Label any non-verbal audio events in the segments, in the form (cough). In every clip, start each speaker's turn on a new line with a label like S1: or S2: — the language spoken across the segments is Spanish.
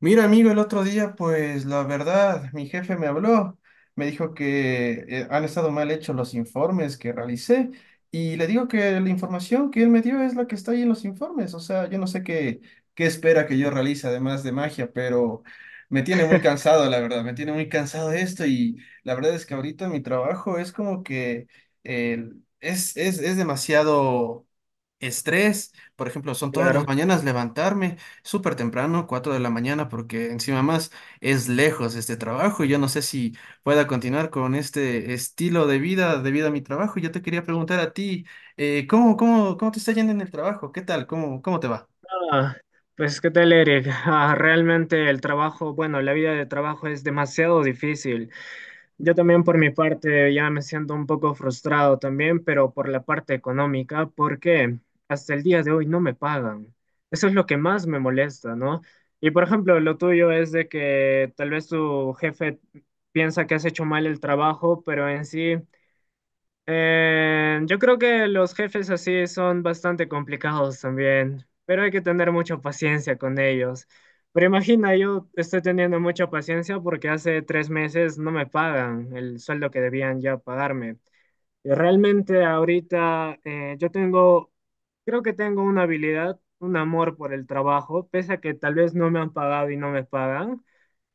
S1: Mira, amigo, el otro día, pues la verdad, mi jefe me habló, me dijo que han estado mal hechos los informes que realicé y le digo que la información que él me dio es la que está ahí en los informes, o sea, yo no sé qué espera que yo realice además de magia, pero me tiene muy cansado, la verdad, me tiene muy cansado esto. Y la verdad es que ahorita mi trabajo es como que eh, es demasiado estrés. Por ejemplo, son todas las
S2: Claro.
S1: mañanas levantarme súper temprano, 4 de la mañana, porque encima más es lejos este trabajo y yo no sé si pueda continuar con este estilo de vida debido a mi trabajo. Yo te quería preguntar a ti, ¿cómo te está yendo en el trabajo? ¿Qué tal? ¿Cómo te va?
S2: Ah, pues qué tal, Eric. Ah, realmente el trabajo, bueno, la vida de trabajo es demasiado difícil. Yo también por mi parte ya me siento un poco frustrado también, pero por la parte económica, porque hasta el día de hoy no me pagan. Eso es lo que más me molesta, ¿no? Y por ejemplo, lo tuyo es de que tal vez tu jefe piensa que has hecho mal el trabajo, pero en sí... Yo creo que los jefes así son bastante complicados también, pero hay que tener mucha paciencia con ellos. Pero imagina, yo estoy teniendo mucha paciencia porque hace tres meses no me pagan el sueldo que debían ya pagarme. Y realmente ahorita yo tengo, creo que tengo una habilidad, un amor por el trabajo, pese a que tal vez no me han pagado y no me pagan.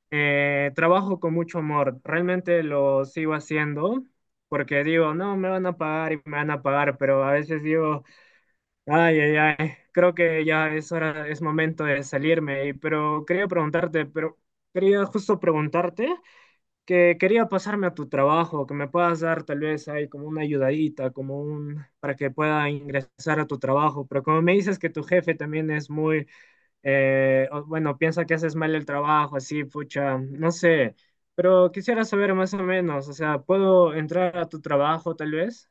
S2: Trabajo con mucho amor, realmente lo sigo haciendo porque digo, no, me van a pagar y me van a pagar, pero a veces digo, ay, ay, ay, creo que ya es hora, es momento de salirme, y- pero quería preguntarte, pero quería justo preguntarte que quería pasarme a tu trabajo, que me puedas dar tal vez ahí como una ayudadita, como un, para que pueda ingresar a tu trabajo, pero como me dices que tu jefe también es muy o, bueno, piensa que haces mal el trabajo, así, pucha, no sé, pero quisiera saber más o menos, o sea, ¿puedo entrar a tu trabajo tal vez?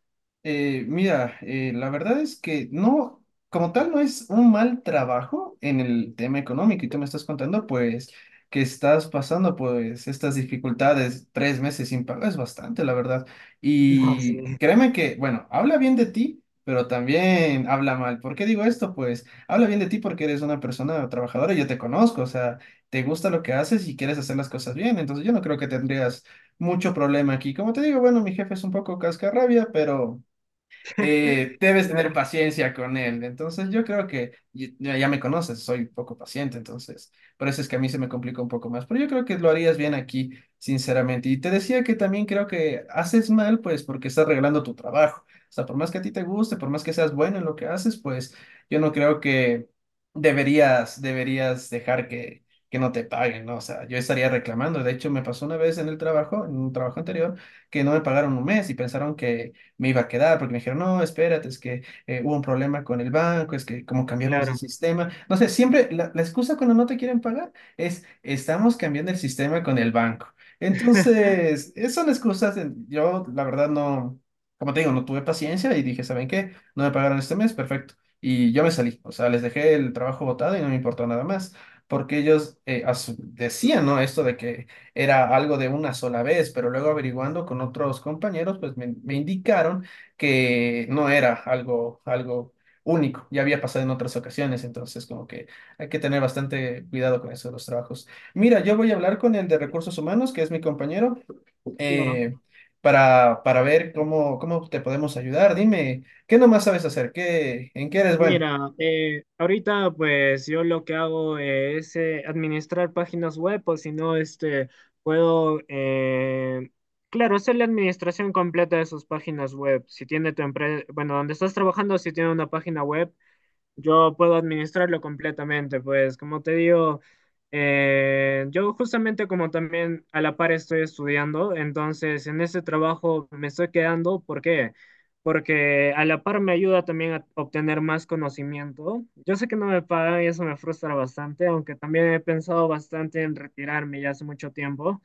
S1: Mira, la verdad es que no, como tal, no es un mal trabajo en el tema económico y tú me estás contando, pues, que estás pasando, pues, estas dificultades, 3 meses sin pago, es bastante, la verdad.
S2: (laughs) No, sí,
S1: Y créeme que, bueno, habla bien de ti, pero también habla mal. ¿Por qué digo esto? Pues, habla bien de ti porque eres una persona trabajadora y yo te conozco, o sea, te gusta lo que haces y quieres hacer las cosas bien, entonces yo no creo que tendrías mucho problema aquí. Como te digo, bueno, mi jefe es un poco cascarrabia, pero debes tener
S2: claro,
S1: paciencia con él. Entonces yo creo que ya, ya me conoces, soy poco paciente, entonces por eso es que a mí se me complica un poco más. Pero yo creo que lo harías bien aquí, sinceramente. Y te decía que también creo que haces mal, pues porque estás regalando tu trabajo. O sea, por más que a ti te guste, por más que seas bueno en lo que haces, pues yo no creo que deberías dejar que no te paguen, ¿no? O sea, yo estaría reclamando. De hecho, me pasó una vez en el trabajo, en un trabajo anterior, que no me pagaron un mes y pensaron que me iba a quedar, porque me dijeron, no, espérate, es que hubo un problema con el banco, es que como cambiamos de
S2: claro.
S1: sistema, no sé, siempre la excusa cuando no te quieren pagar es, estamos cambiando el sistema con el banco.
S2: (laughs)
S1: Entonces, son excusas. Yo la verdad no, como te digo, no tuve paciencia y dije, ¿saben qué? No me pagaron este mes, perfecto. Y yo me salí, o sea, les dejé el trabajo botado y no me importó nada más, porque ellos asu- decían, ¿no? Esto de que era algo de una sola vez, pero luego averiguando con otros compañeros, pues me indicaron que no era algo, algo único, ya había pasado en otras ocasiones. Entonces como que hay que tener bastante cuidado con eso de los trabajos. Mira, yo voy a hablar con el de recursos humanos, que es mi compañero,
S2: Claro.
S1: eh, para ver cómo te podemos ayudar. Dime, ¿qué nomás sabes hacer? ¿Qué, en qué eres bueno?
S2: Mira, ahorita pues yo lo que hago es administrar páginas web, o si no, este, puedo, claro, hacer la administración completa de sus páginas web. Si tiene tu empresa, bueno, donde estás trabajando, si tiene una página web, yo puedo administrarlo completamente, pues como te digo, yo justamente como también a la par estoy estudiando, entonces en ese trabajo me estoy quedando, ¿por qué? Porque a la par me ayuda también a obtener más conocimiento. Yo sé que no me pagan y eso me frustra bastante, aunque también he pensado bastante en retirarme ya hace mucho tiempo.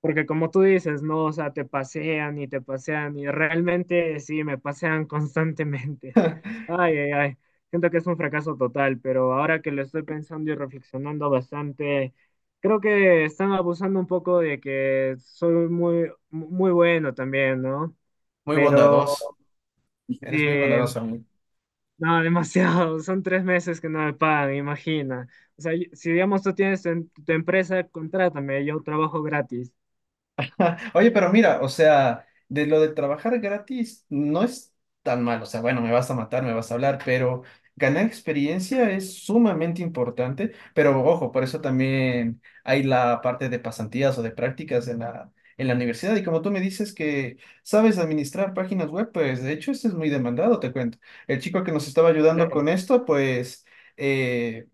S2: Porque como tú dices, no, o sea, te pasean y realmente sí, me pasean (laughs) constantemente. Ay, ay, ay. Siento que es un fracaso total, pero ahora que lo estoy pensando y reflexionando bastante, creo que están abusando un poco de que soy muy, muy bueno también, ¿no?
S1: Muy
S2: Pero
S1: bondadoso, eres muy
S2: eh,
S1: bondadoso, amigo.
S2: no, demasiado. (laughs) Son tres meses que no me pagan, imagina. O sea, y- si digamos tú tienes en tu empresa, contrátame, yo trabajo gratis.
S1: Oye, pero mira, o sea, de lo de trabajar gratis no es tan mal, o sea, bueno, me vas a matar, me vas a hablar, pero ganar experiencia es sumamente importante, pero ojo, por eso también hay la parte de pasantías o de prácticas en en la universidad. Y como tú me dices que sabes administrar páginas web, pues de hecho esto es muy demandado, te cuento. El chico que nos estaba ayudando
S2: Claro,
S1: con esto, pues eh,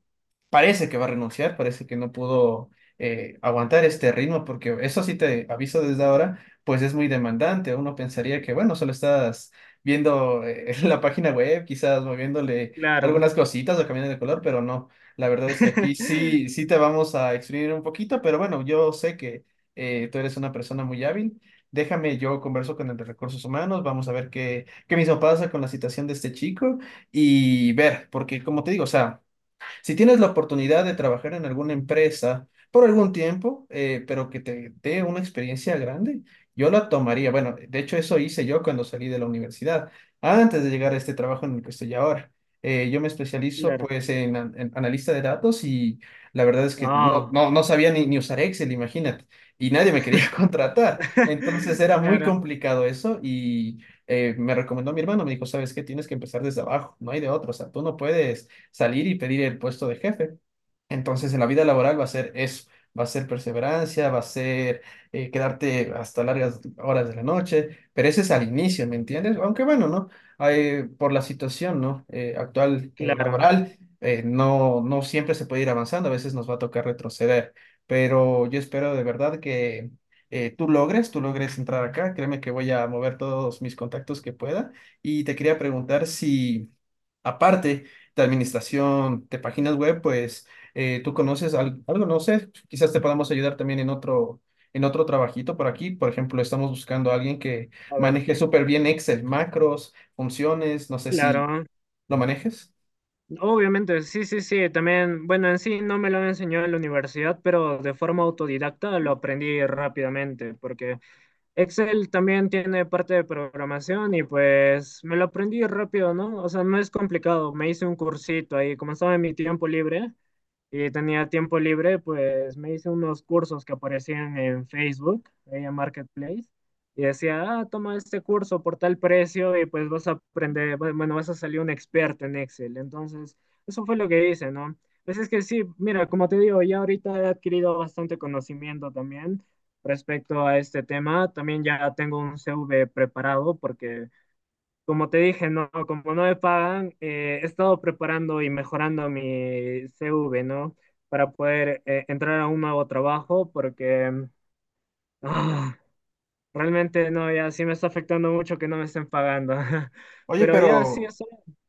S1: parece que va a renunciar, parece que no pudo aguantar este ritmo, porque eso sí te aviso desde ahora, pues es muy demandante. Uno pensaría que, bueno, solo estás viendo (laughs) la página web, quizás moviéndole
S2: claro.
S1: algunas cositas o cambiando de color, pero no. La verdad es que aquí sí,
S2: (laughs)
S1: sí te vamos a exprimir un poquito, pero bueno, yo sé que tú eres una persona muy hábil. Déjame, yo converso con el de recursos humanos, vamos a ver qué mismo pasa con la situación de este chico y ver, porque como te digo, o sea, si tienes la oportunidad de trabajar en alguna empresa por algún tiempo, pero que te dé una experiencia grande, yo la tomaría. Bueno, de hecho eso hice yo cuando salí de la universidad, antes de llegar a este trabajo en el que estoy ahora. Yo me especializo
S2: Claro.
S1: pues en, an- en analista de datos y la verdad es que no,
S2: Ah,
S1: no, no sabía ni usar Excel, imagínate, y nadie me quería (laughs) contratar. Entonces
S2: (laughs)
S1: era muy
S2: claro,
S1: complicado eso y me recomendó mi hermano, me dijo, ¿sabes qué? Tienes que empezar desde abajo, no hay de otro, o sea, tú no puedes salir y pedir el puesto de jefe. Entonces, en la vida laboral va a ser eso, va a ser perseverancia, va a ser quedarte hasta largas horas de la noche, pero ese es al inicio, ¿me entiendes? Aunque bueno, ¿no? Hay, por la situación, ¿no? Actual
S2: claro.
S1: laboral, no, no siempre se puede ir avanzando, a veces nos va a tocar retroceder, pero yo espero de verdad que tú logres entrar acá, créeme que voy a mover todos mis contactos que pueda. Y te quería preguntar si, aparte de administración de páginas web, pues tú conoces al- algo, no sé, quizás te podamos ayudar también en otro trabajito por aquí. Por ejemplo, estamos buscando a alguien que
S2: A ver,
S1: maneje súper bien Excel, macros, funciones, no sé si
S2: claro.
S1: lo manejes.
S2: Obviamente, sí, sí, sí. También, bueno, en sí no me lo enseñó en la universidad, pero de forma autodidacta lo aprendí rápidamente, porque Excel también tiene parte de programación y pues me lo aprendí rápido, ¿no? O sea, no es complicado. Me hice un cursito ahí, como estaba en mi tiempo libre, y tenía tiempo libre, pues me hice unos cursos que aparecían en Facebook, ahí en Marketplace, y decía, ah, toma este curso por tal precio y pues vas a aprender, bu- bueno, vas a salir un experto en Excel. Entonces, eso fue lo que hice, ¿no? Pues es que sí, mira, como te digo, ya ahorita he adquirido bastante conocimiento también respecto a este tema. También ya tengo un CV preparado porque como te dije, no, como no me pagan, he estado preparando y mejorando mi CV, ¿no? Para poder entrar a un nuevo trabajo, porque ah, realmente no, ya sí me está afectando mucho que no me estén pagando. (laughs)
S1: Oye,
S2: Pero ya sí,
S1: pero
S2: eso,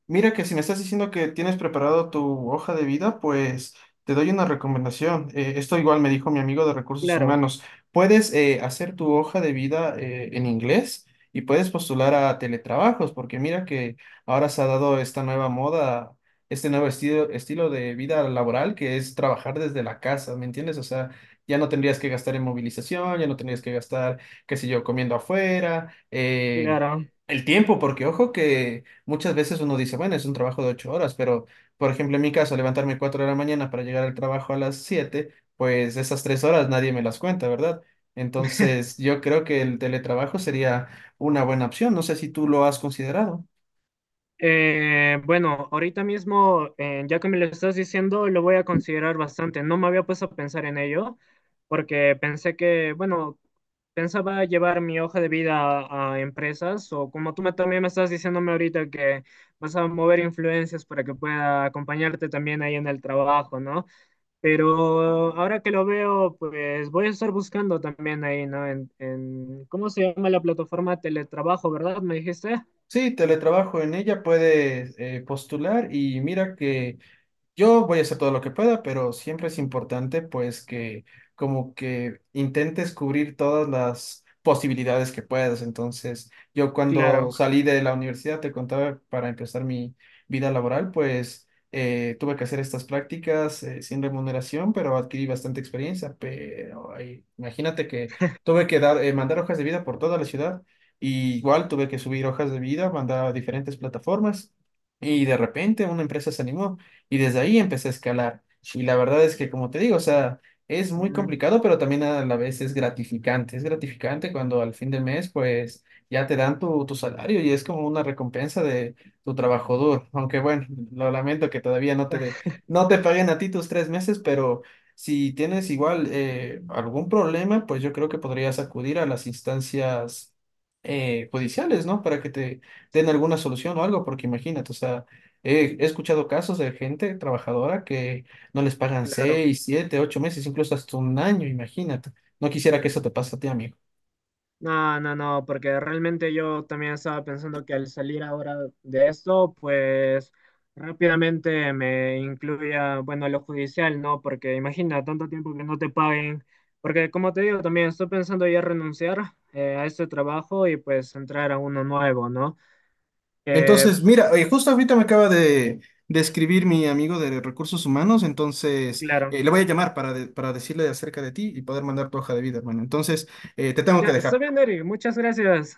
S1: mira que si me estás diciendo que tienes preparado tu hoja de vida, pues te doy una recomendación. Esto igual me dijo mi amigo de recursos
S2: claro,
S1: humanos. Puedes hacer tu hoja de vida en inglés y puedes postular a teletrabajos, porque mira que ahora se ha dado esta nueva moda, este nuevo estilo de vida laboral que es trabajar desde la casa, ¿me entiendes? O sea, ya no tendrías que gastar en movilización, ya no tendrías que gastar, qué sé yo, comiendo afuera,
S2: claro.
S1: el tiempo, porque ojo que muchas veces uno dice, bueno, es un trabajo de 8 horas, pero por ejemplo, en mi caso, levantarme 4 de la mañana para llegar al trabajo a las 7, pues esas 3 horas nadie me las cuenta, ¿verdad? Entonces, yo creo que el teletrabajo sería una buena opción. No sé si tú lo has considerado.
S2: Bueno, ahorita mismo, ya que me lo estás diciendo, lo voy a considerar bastante. No me había puesto a pensar en ello, porque pensé que, bueno, pensaba llevar mi hoja de vida a empresas, o como tú me- también me estás diciéndome ahorita que vas a mover influencias para que pueda acompañarte también ahí en el trabajo, ¿no? Pero ahora que lo veo, pues voy a estar buscando también ahí, ¿no? En- ¿cómo se llama la plataforma? Teletrabajo, ¿verdad? ¿Me dijiste?
S1: Sí, teletrabajo en ella puedes postular. Y mira que yo voy a hacer todo lo que pueda, pero siempre es importante pues que como que intentes cubrir todas las posibilidades que puedas. Entonces, yo cuando
S2: Claro.
S1: salí de la universidad, te contaba, para empezar mi vida laboral, pues tuve que hacer estas prácticas sin remuneración, pero adquirí bastante experiencia. Pero ahí, imagínate que tuve que dar, mandar hojas de vida por toda la ciudad. Y igual tuve que subir hojas de vida, mandar a diferentes plataformas. Y de repente una empresa se animó. Y desde ahí empecé a escalar. Y la verdad es que, como te digo, o sea, es muy
S2: Mm.
S1: complicado, pero también a la vez es gratificante. Es gratificante cuando al fin de mes, pues, ya te dan tu, tu salario y es como una recompensa de tu trabajo duro. Aunque bueno, lo lamento que todavía no te de
S2: (laughs)
S1: no te paguen a ti tus 3 meses, pero si tienes igual algún problema, pues yo creo que podrías acudir a las instancias judiciales, ¿no? Para que te
S2: Sí,
S1: den alguna solución o algo, porque imagínate, o sea, he escuchado casos de gente trabajadora que no les pagan
S2: claro.
S1: 6, 7, 8 meses, incluso hasta un año, imagínate. No quisiera que eso te pase a ti, amigo.
S2: No, no, no, porque realmente yo también estaba pensando que al salir ahora de esto, pues rápidamente me incluya, bueno, lo judicial, ¿no? Porque imagina tanto tiempo que no te paguen, porque como te digo, también estoy pensando ya renunciar a este trabajo y pues entrar a uno nuevo, ¿no? Eh,
S1: Entonces, mira, justo ahorita me acaba de escribir mi amigo de recursos humanos, entonces
S2: claro.
S1: le voy a llamar para, de- para decirle acerca de ti y poder mandar tu hoja de vida, hermano. Entonces, te tengo que
S2: Ya, está
S1: dejar.
S2: bien, Eric, muchas gracias.